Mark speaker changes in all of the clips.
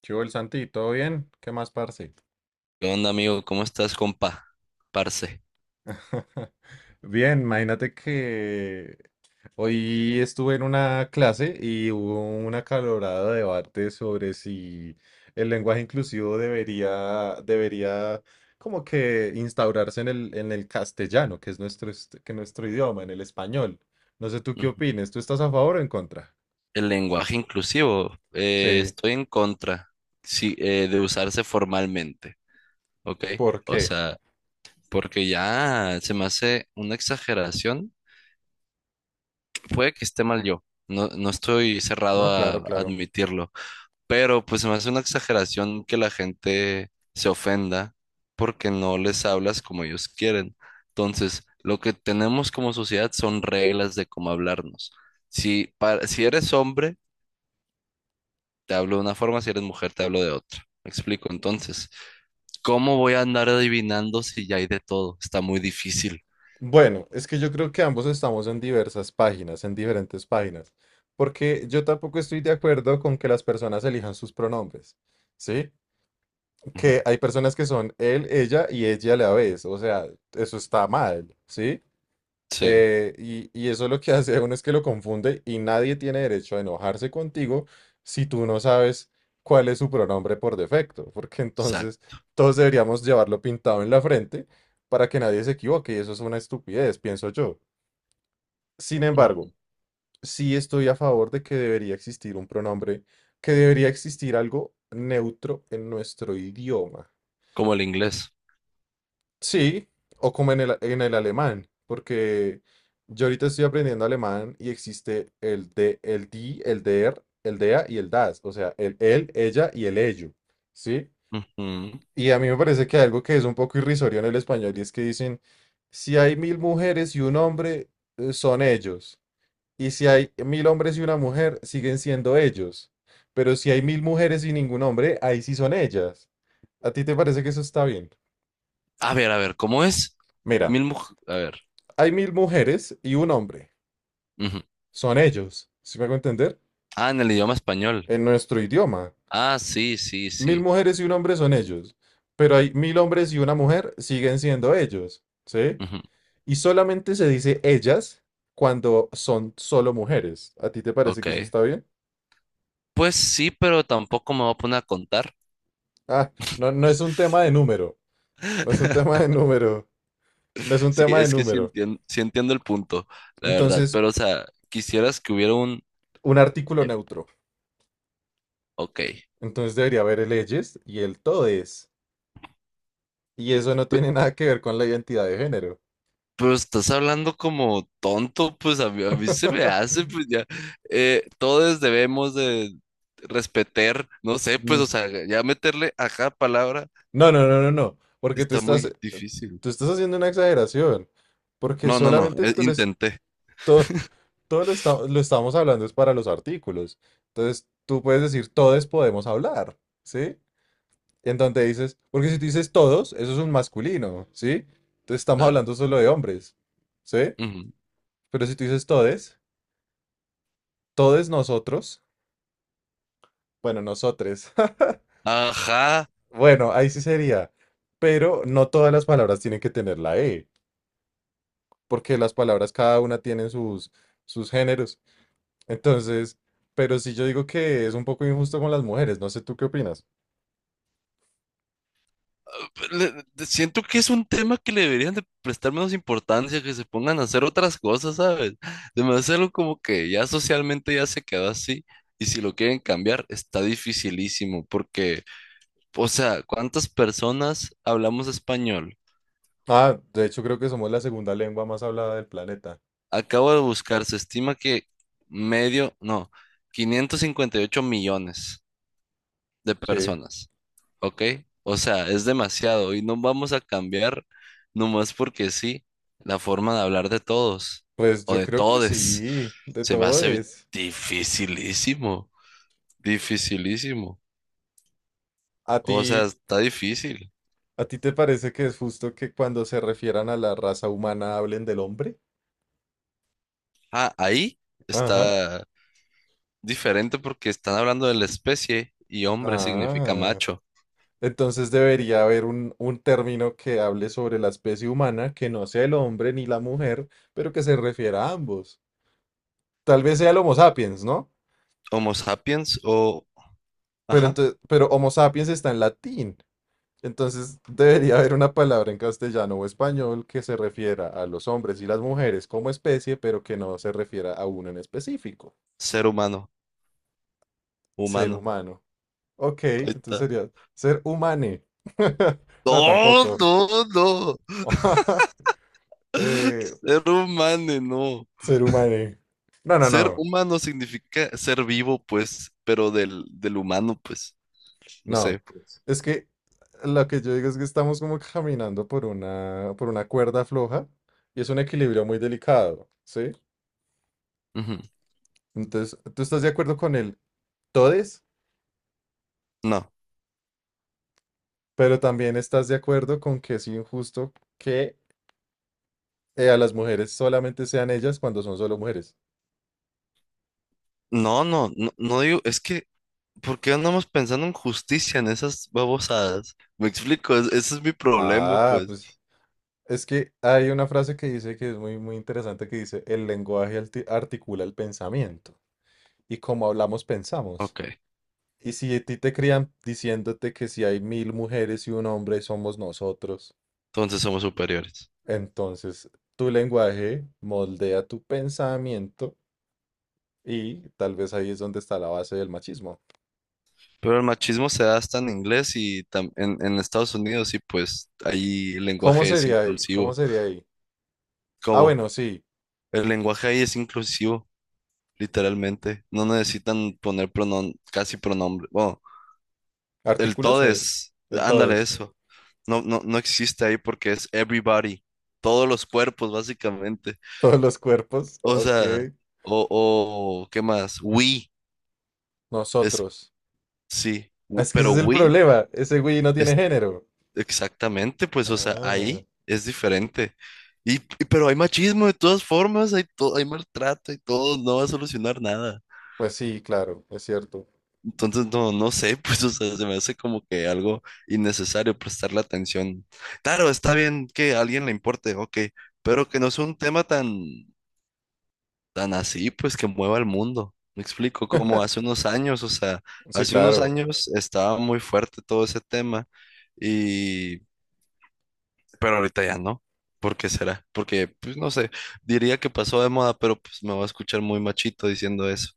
Speaker 1: ¿Qué hubo, el Santi? ¿Todo bien? ¿Qué más, parce?
Speaker 2: ¿Qué onda, amigo? ¿Cómo estás, compa? Parce.
Speaker 1: Bien, imagínate que hoy estuve en una clase y hubo un acalorado debate sobre si el lenguaje inclusivo debería como que instaurarse en en el castellano, que nuestro idioma, en el español. No sé tú qué
Speaker 2: Ujú.
Speaker 1: opines, ¿tú estás a favor o en contra?
Speaker 2: El lenguaje inclusivo,
Speaker 1: Sí,
Speaker 2: estoy en contra, sí, de usarse formalmente, ¿ok?
Speaker 1: ¿por
Speaker 2: O
Speaker 1: qué?
Speaker 2: sea, porque ya se me hace una exageración. Puede que esté mal yo, no, no estoy cerrado
Speaker 1: No,
Speaker 2: a
Speaker 1: claro, claro.
Speaker 2: admitirlo. Pero pues se me hace una exageración que la gente se ofenda porque no les hablas como ellos quieren. Entonces, lo que tenemos como sociedad son reglas de cómo hablarnos. Si eres hombre, te hablo de una forma, si eres mujer, te hablo de otra. ¿Me explico? Entonces, ¿cómo voy a andar adivinando si ya hay de todo? Está muy difícil.
Speaker 1: Bueno, es que yo creo que ambos estamos en diversas páginas, en diferentes páginas, porque yo tampoco estoy de acuerdo con que las personas elijan sus pronombres, ¿sí?
Speaker 2: Ujú.
Speaker 1: Que hay personas que son él, ella y ella a la vez, o sea, eso está mal, ¿sí?
Speaker 2: Sí,
Speaker 1: Y eso lo que hace a uno es que lo confunde y nadie tiene derecho a enojarse contigo si tú no sabes cuál es su pronombre por defecto, porque entonces
Speaker 2: exacto.
Speaker 1: todos deberíamos llevarlo pintado en la frente para que nadie se equivoque y eso es una estupidez, pienso yo. Sin
Speaker 2: Mm.
Speaker 1: embargo, sí estoy a favor de que debería existir un pronombre, que debería existir algo neutro en nuestro idioma.
Speaker 2: Como el inglés.
Speaker 1: Sí, o como en en el alemán, porque yo ahorita estoy aprendiendo alemán y existe el de, el die, el der, el dea y el das, o sea, el él, ella y el ello, ¿sí?
Speaker 2: Ujú.
Speaker 1: Y a mí me parece que algo que es un poco irrisorio en el español y es que dicen, si hay 1.000 mujeres y un hombre, son ellos. Y si hay 1.000 hombres y una mujer, siguen siendo ellos. Pero si hay 1.000 mujeres y ningún hombre, ahí sí son ellas. ¿A ti te parece que eso está bien?
Speaker 2: A ver, ¿cómo es?
Speaker 1: Mira,
Speaker 2: A ver.
Speaker 1: hay 1.000 mujeres y un hombre.
Speaker 2: Ujú.
Speaker 1: Son ellos. ¿Sí me hago entender?
Speaker 2: Ah, en el idioma español.
Speaker 1: En nuestro idioma.
Speaker 2: Ah, sí, sí,
Speaker 1: Mil
Speaker 2: sí.
Speaker 1: mujeres y un hombre son ellos. Pero hay 1.000 hombres y una mujer, siguen siendo ellos. ¿Sí?
Speaker 2: Ujú.
Speaker 1: Y solamente se dice ellas cuando son solo mujeres. ¿A ti te parece que eso
Speaker 2: Ok.
Speaker 1: está bien?
Speaker 2: Pues sí, pero tampoco me voy a poner a contar.
Speaker 1: Ah, no, no es un tema de número. No es un tema de número. No es un
Speaker 2: Sí,
Speaker 1: tema de
Speaker 2: es que
Speaker 1: número.
Speaker 2: sí entiendo el punto, la verdad.
Speaker 1: Entonces,
Speaker 2: Pero, o sea, quisieras que hubiera un...
Speaker 1: un artículo
Speaker 2: el-
Speaker 1: neutro.
Speaker 2: Ok.
Speaker 1: Entonces debería haber el leyes y el todes. Y eso no
Speaker 2: Pe-
Speaker 1: tiene nada que ver con la identidad de género.
Speaker 2: Pero estás hablando como tonto, pues a mí se me hace, pues ya. Todos debemos de respetar, no sé, pues,
Speaker 1: Mm.
Speaker 2: o sea, ya meterle a cada palabra
Speaker 1: No, no, no, no, no. Porque tú
Speaker 2: está
Speaker 1: estás,
Speaker 2: muy
Speaker 1: eh,
Speaker 2: difícil.
Speaker 1: tú estás haciendo una exageración. Porque
Speaker 2: No, no, no,
Speaker 1: solamente tú
Speaker 2: Intenté,
Speaker 1: todo, todo lo estamos hablando es para los artículos. Entonces tú puedes decir todes podemos hablar, ¿sí? En donde dices, porque si tú dices todos, eso es un masculino, ¿sí? Entonces estamos
Speaker 2: claro.
Speaker 1: hablando solo de hombres, ¿sí?
Speaker 2: Ujú.
Speaker 1: Pero si tú dices todes nosotros, bueno, nosotres,
Speaker 2: Ajá.
Speaker 1: bueno, ahí sí sería. Pero no todas las palabras tienen que tener la E, porque las palabras cada una tienen sus géneros. Entonces, pero sí yo digo que es un poco injusto con las mujeres, no sé tú qué opinas.
Speaker 2: Siento que es un tema que le deberían de prestar menos importancia, que se pongan a hacer otras cosas, ¿sabes? De hacerlo como que ya socialmente ya se quedó así. Y si lo quieren cambiar, está dificilísimo, porque, o sea, ¿cuántas personas hablamos español?
Speaker 1: Ah, de hecho creo que somos la segunda lengua más hablada del planeta.
Speaker 2: Acabo de buscar, se estima que medio, no, 558 millones de
Speaker 1: Sí,
Speaker 2: personas. ¿Ok? O sea, es demasiado y no vamos a cambiar nomás porque sí la forma de hablar de todos
Speaker 1: pues
Speaker 2: o
Speaker 1: yo
Speaker 2: de
Speaker 1: creo que
Speaker 2: todes.
Speaker 1: sí, de
Speaker 2: Se me hace
Speaker 1: todes.
Speaker 2: dificilísimo, dificilísimo.
Speaker 1: ¿A
Speaker 2: O sea,
Speaker 1: ti,
Speaker 2: está difícil.
Speaker 1: a ti te parece que es justo que cuando se refieran a la raza humana hablen del hombre?
Speaker 2: Ah, ahí
Speaker 1: Ajá.
Speaker 2: está diferente porque están hablando de la especie y hombre significa
Speaker 1: Ah,
Speaker 2: macho.
Speaker 1: entonces debería haber un término que hable sobre la especie humana, que no sea el hombre ni la mujer, pero que se refiera a ambos. Tal vez sea el Homo sapiens, ¿no?
Speaker 2: Homo sapiens o,
Speaker 1: Pero
Speaker 2: ajá,
Speaker 1: entonces, pero Homo sapiens está en latín. Entonces debería haber una palabra en castellano o español que se refiera a los hombres y las mujeres como especie, pero que no se refiera a uno en específico.
Speaker 2: ser humano,
Speaker 1: Ser
Speaker 2: humano.
Speaker 1: humano. Ok,
Speaker 2: Ahí
Speaker 1: entonces
Speaker 2: está.
Speaker 1: sería ser humane. No,
Speaker 2: No,
Speaker 1: tampoco.
Speaker 2: no, no.
Speaker 1: Eh,
Speaker 2: Ser humano, no.
Speaker 1: Ser humano. No, no,
Speaker 2: Ser
Speaker 1: no,
Speaker 2: humano significa ser vivo, pues, pero del humano, pues, no sé,
Speaker 1: no.
Speaker 2: pues.
Speaker 1: Es que lo que yo digo es que estamos como caminando por por una cuerda floja y es un equilibrio muy delicado, ¿sí?
Speaker 2: Ujú.
Speaker 1: Entonces, tú estás de acuerdo con el todes,
Speaker 2: No,
Speaker 1: pero también estás de acuerdo con que es injusto que a las mujeres solamente sean ellas cuando son solo mujeres.
Speaker 2: no digo, es que, ¿por qué andamos pensando en justicia en esas babosadas? Me explico, ese es mi problema,
Speaker 1: Ah,
Speaker 2: pues.
Speaker 1: pues es que hay una frase que dice que es muy, muy interesante que dice, el lenguaje articula el pensamiento y como hablamos, pensamos.
Speaker 2: Ok,
Speaker 1: Y si a ti te crían diciéndote que si hay 1.000 mujeres y un hombre somos nosotros,
Speaker 2: entonces somos superiores.
Speaker 1: entonces tu lenguaje moldea tu pensamiento y tal vez ahí es donde está la base del machismo.
Speaker 2: Pero el machismo se da hasta en inglés y en Estados Unidos, y pues ahí el
Speaker 1: ¿Cómo
Speaker 2: lenguaje es
Speaker 1: sería ahí? ¿Cómo
Speaker 2: inclusivo.
Speaker 1: sería ahí? Ah,
Speaker 2: ¿Cómo?
Speaker 1: bueno, sí.
Speaker 2: El lenguaje ahí es inclusivo, literalmente. No necesitan poner pronombre. Bueno, el
Speaker 1: Artículos,
Speaker 2: todes,
Speaker 1: el
Speaker 2: ándale
Speaker 1: todes.
Speaker 2: eso. No, no, no existe ahí porque es everybody, todos los cuerpos básicamente.
Speaker 1: Todos los cuerpos.
Speaker 2: O
Speaker 1: Ok.
Speaker 2: sea, o, o ¿qué más? We, es,
Speaker 1: Nosotros.
Speaker 2: sí,
Speaker 1: Ah, es que ese
Speaker 2: pero
Speaker 1: es el
Speaker 2: we
Speaker 1: problema. Ese güey no tiene
Speaker 2: es
Speaker 1: género.
Speaker 2: exactamente, pues, o sea,
Speaker 1: Ah,
Speaker 2: ahí es diferente. Pero hay machismo de todas formas, hay, hay maltrato y todo, no va a solucionar nada.
Speaker 1: pues sí, claro, es cierto.
Speaker 2: Entonces, no, no sé, pues, o sea, se me hace como que algo innecesario prestarle atención. Claro, está bien que a alguien le importe, ok, pero que no sea un tema tan, tan así, pues, que mueva el mundo. Me explico, como hace unos años, o sea,
Speaker 1: Sí,
Speaker 2: hace unos
Speaker 1: claro.
Speaker 2: años estaba muy fuerte todo ese tema y, pero ahorita ya no. ¿Por qué será? Porque, pues, no sé, diría que pasó de moda, pero pues me va a escuchar muy machito diciendo eso,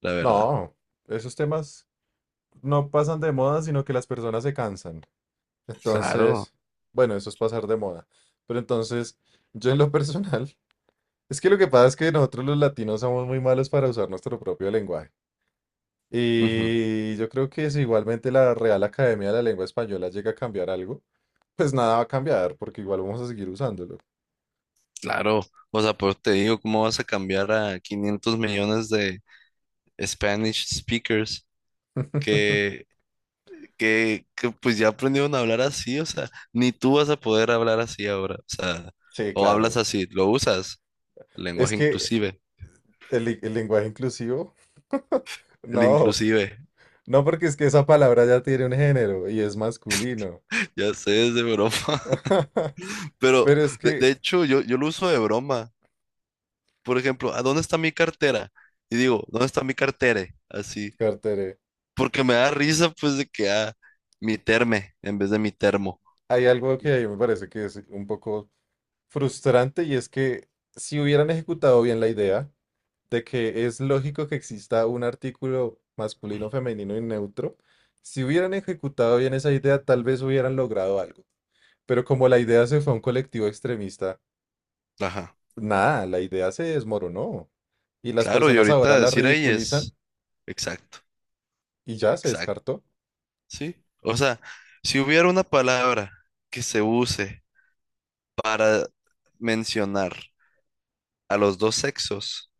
Speaker 2: la verdad.
Speaker 1: No, esos temas no pasan de moda, sino que las personas se cansan.
Speaker 2: Claro.
Speaker 1: Entonces, bueno, eso es pasar de moda. Pero entonces, yo en lo personal, es que lo que pasa es que nosotros los latinos somos muy malos para usar nuestro propio lenguaje. Y yo creo que si igualmente la Real Academia de la Lengua Española llega a cambiar algo, pues nada va a cambiar, porque igual vamos a seguir usándolo.
Speaker 2: Claro, o sea, por te digo, ¿cómo vas a cambiar a 500 millones de Spanish speakers que, que pues ya aprendieron a hablar así? O sea, ni tú vas a poder hablar así ahora. O sea,
Speaker 1: Sí,
Speaker 2: o hablas
Speaker 1: claro.
Speaker 2: así, lo usas, el
Speaker 1: Es
Speaker 2: lenguaje
Speaker 1: que
Speaker 2: inclusive,
Speaker 1: el lenguaje inclusivo,
Speaker 2: el
Speaker 1: no,
Speaker 2: inclusive,
Speaker 1: no porque es que esa palabra ya tiene un género y es masculino.
Speaker 2: ya sé, es de broma. Pero
Speaker 1: Pero es que,
Speaker 2: de hecho, yo lo uso de broma. Por ejemplo, ¿a dónde está mi cartera? Y digo, ¿dónde está mi cartere? Así,
Speaker 1: Cartere,
Speaker 2: porque me da risa pues de que, ah, mi terme en vez de mi termo.
Speaker 1: hay algo que a mí me parece que es un poco frustrante y es que si hubieran ejecutado bien la idea de que es lógico que exista un artículo masculino, femenino y neutro, si hubieran ejecutado bien esa idea, tal vez hubieran logrado algo. Pero como la idea se fue a un colectivo extremista,
Speaker 2: Ajá.
Speaker 1: nada, la idea se desmoronó. Y las
Speaker 2: Claro, y
Speaker 1: personas ahora
Speaker 2: ahorita
Speaker 1: la
Speaker 2: decir ahí
Speaker 1: ridiculizan
Speaker 2: es exacto,
Speaker 1: y ya se
Speaker 2: exacto,
Speaker 1: descartó.
Speaker 2: ¿sí? O sea, si hubiera una palabra que se use para mencionar a los dos sexos,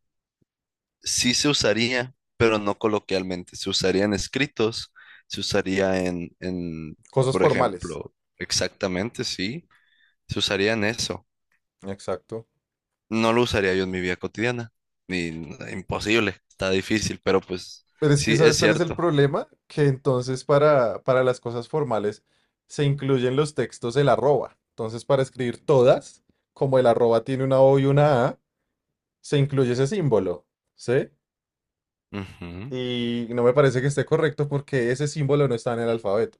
Speaker 2: sí se usaría, pero no coloquialmente. Se usaría en escritos, se usaría en,
Speaker 1: Cosas
Speaker 2: por
Speaker 1: formales.
Speaker 2: ejemplo, exactamente, sí, se usaría en eso.
Speaker 1: Exacto.
Speaker 2: No lo usaría yo en mi vida cotidiana, ni imposible, está difícil, pero pues
Speaker 1: Pero es que
Speaker 2: sí, es
Speaker 1: ¿sabes cuál es el
Speaker 2: cierto.
Speaker 1: problema? Que entonces para, las cosas formales se incluyen los textos el arroba. Entonces para escribir todas, como el arroba tiene una O y una A, se incluye ese símbolo, ¿sí?
Speaker 2: Ujú.
Speaker 1: Y no me parece que esté correcto porque ese símbolo no está en el alfabeto.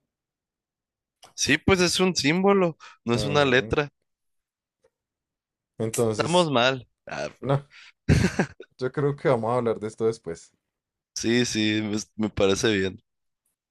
Speaker 2: Sí, pues es un símbolo, no es una
Speaker 1: Mm,
Speaker 2: letra. Estamos
Speaker 1: Entonces,
Speaker 2: mal. Ah,
Speaker 1: no, yo creo que vamos a hablar de esto después.
Speaker 2: sí, sí, me parece bien.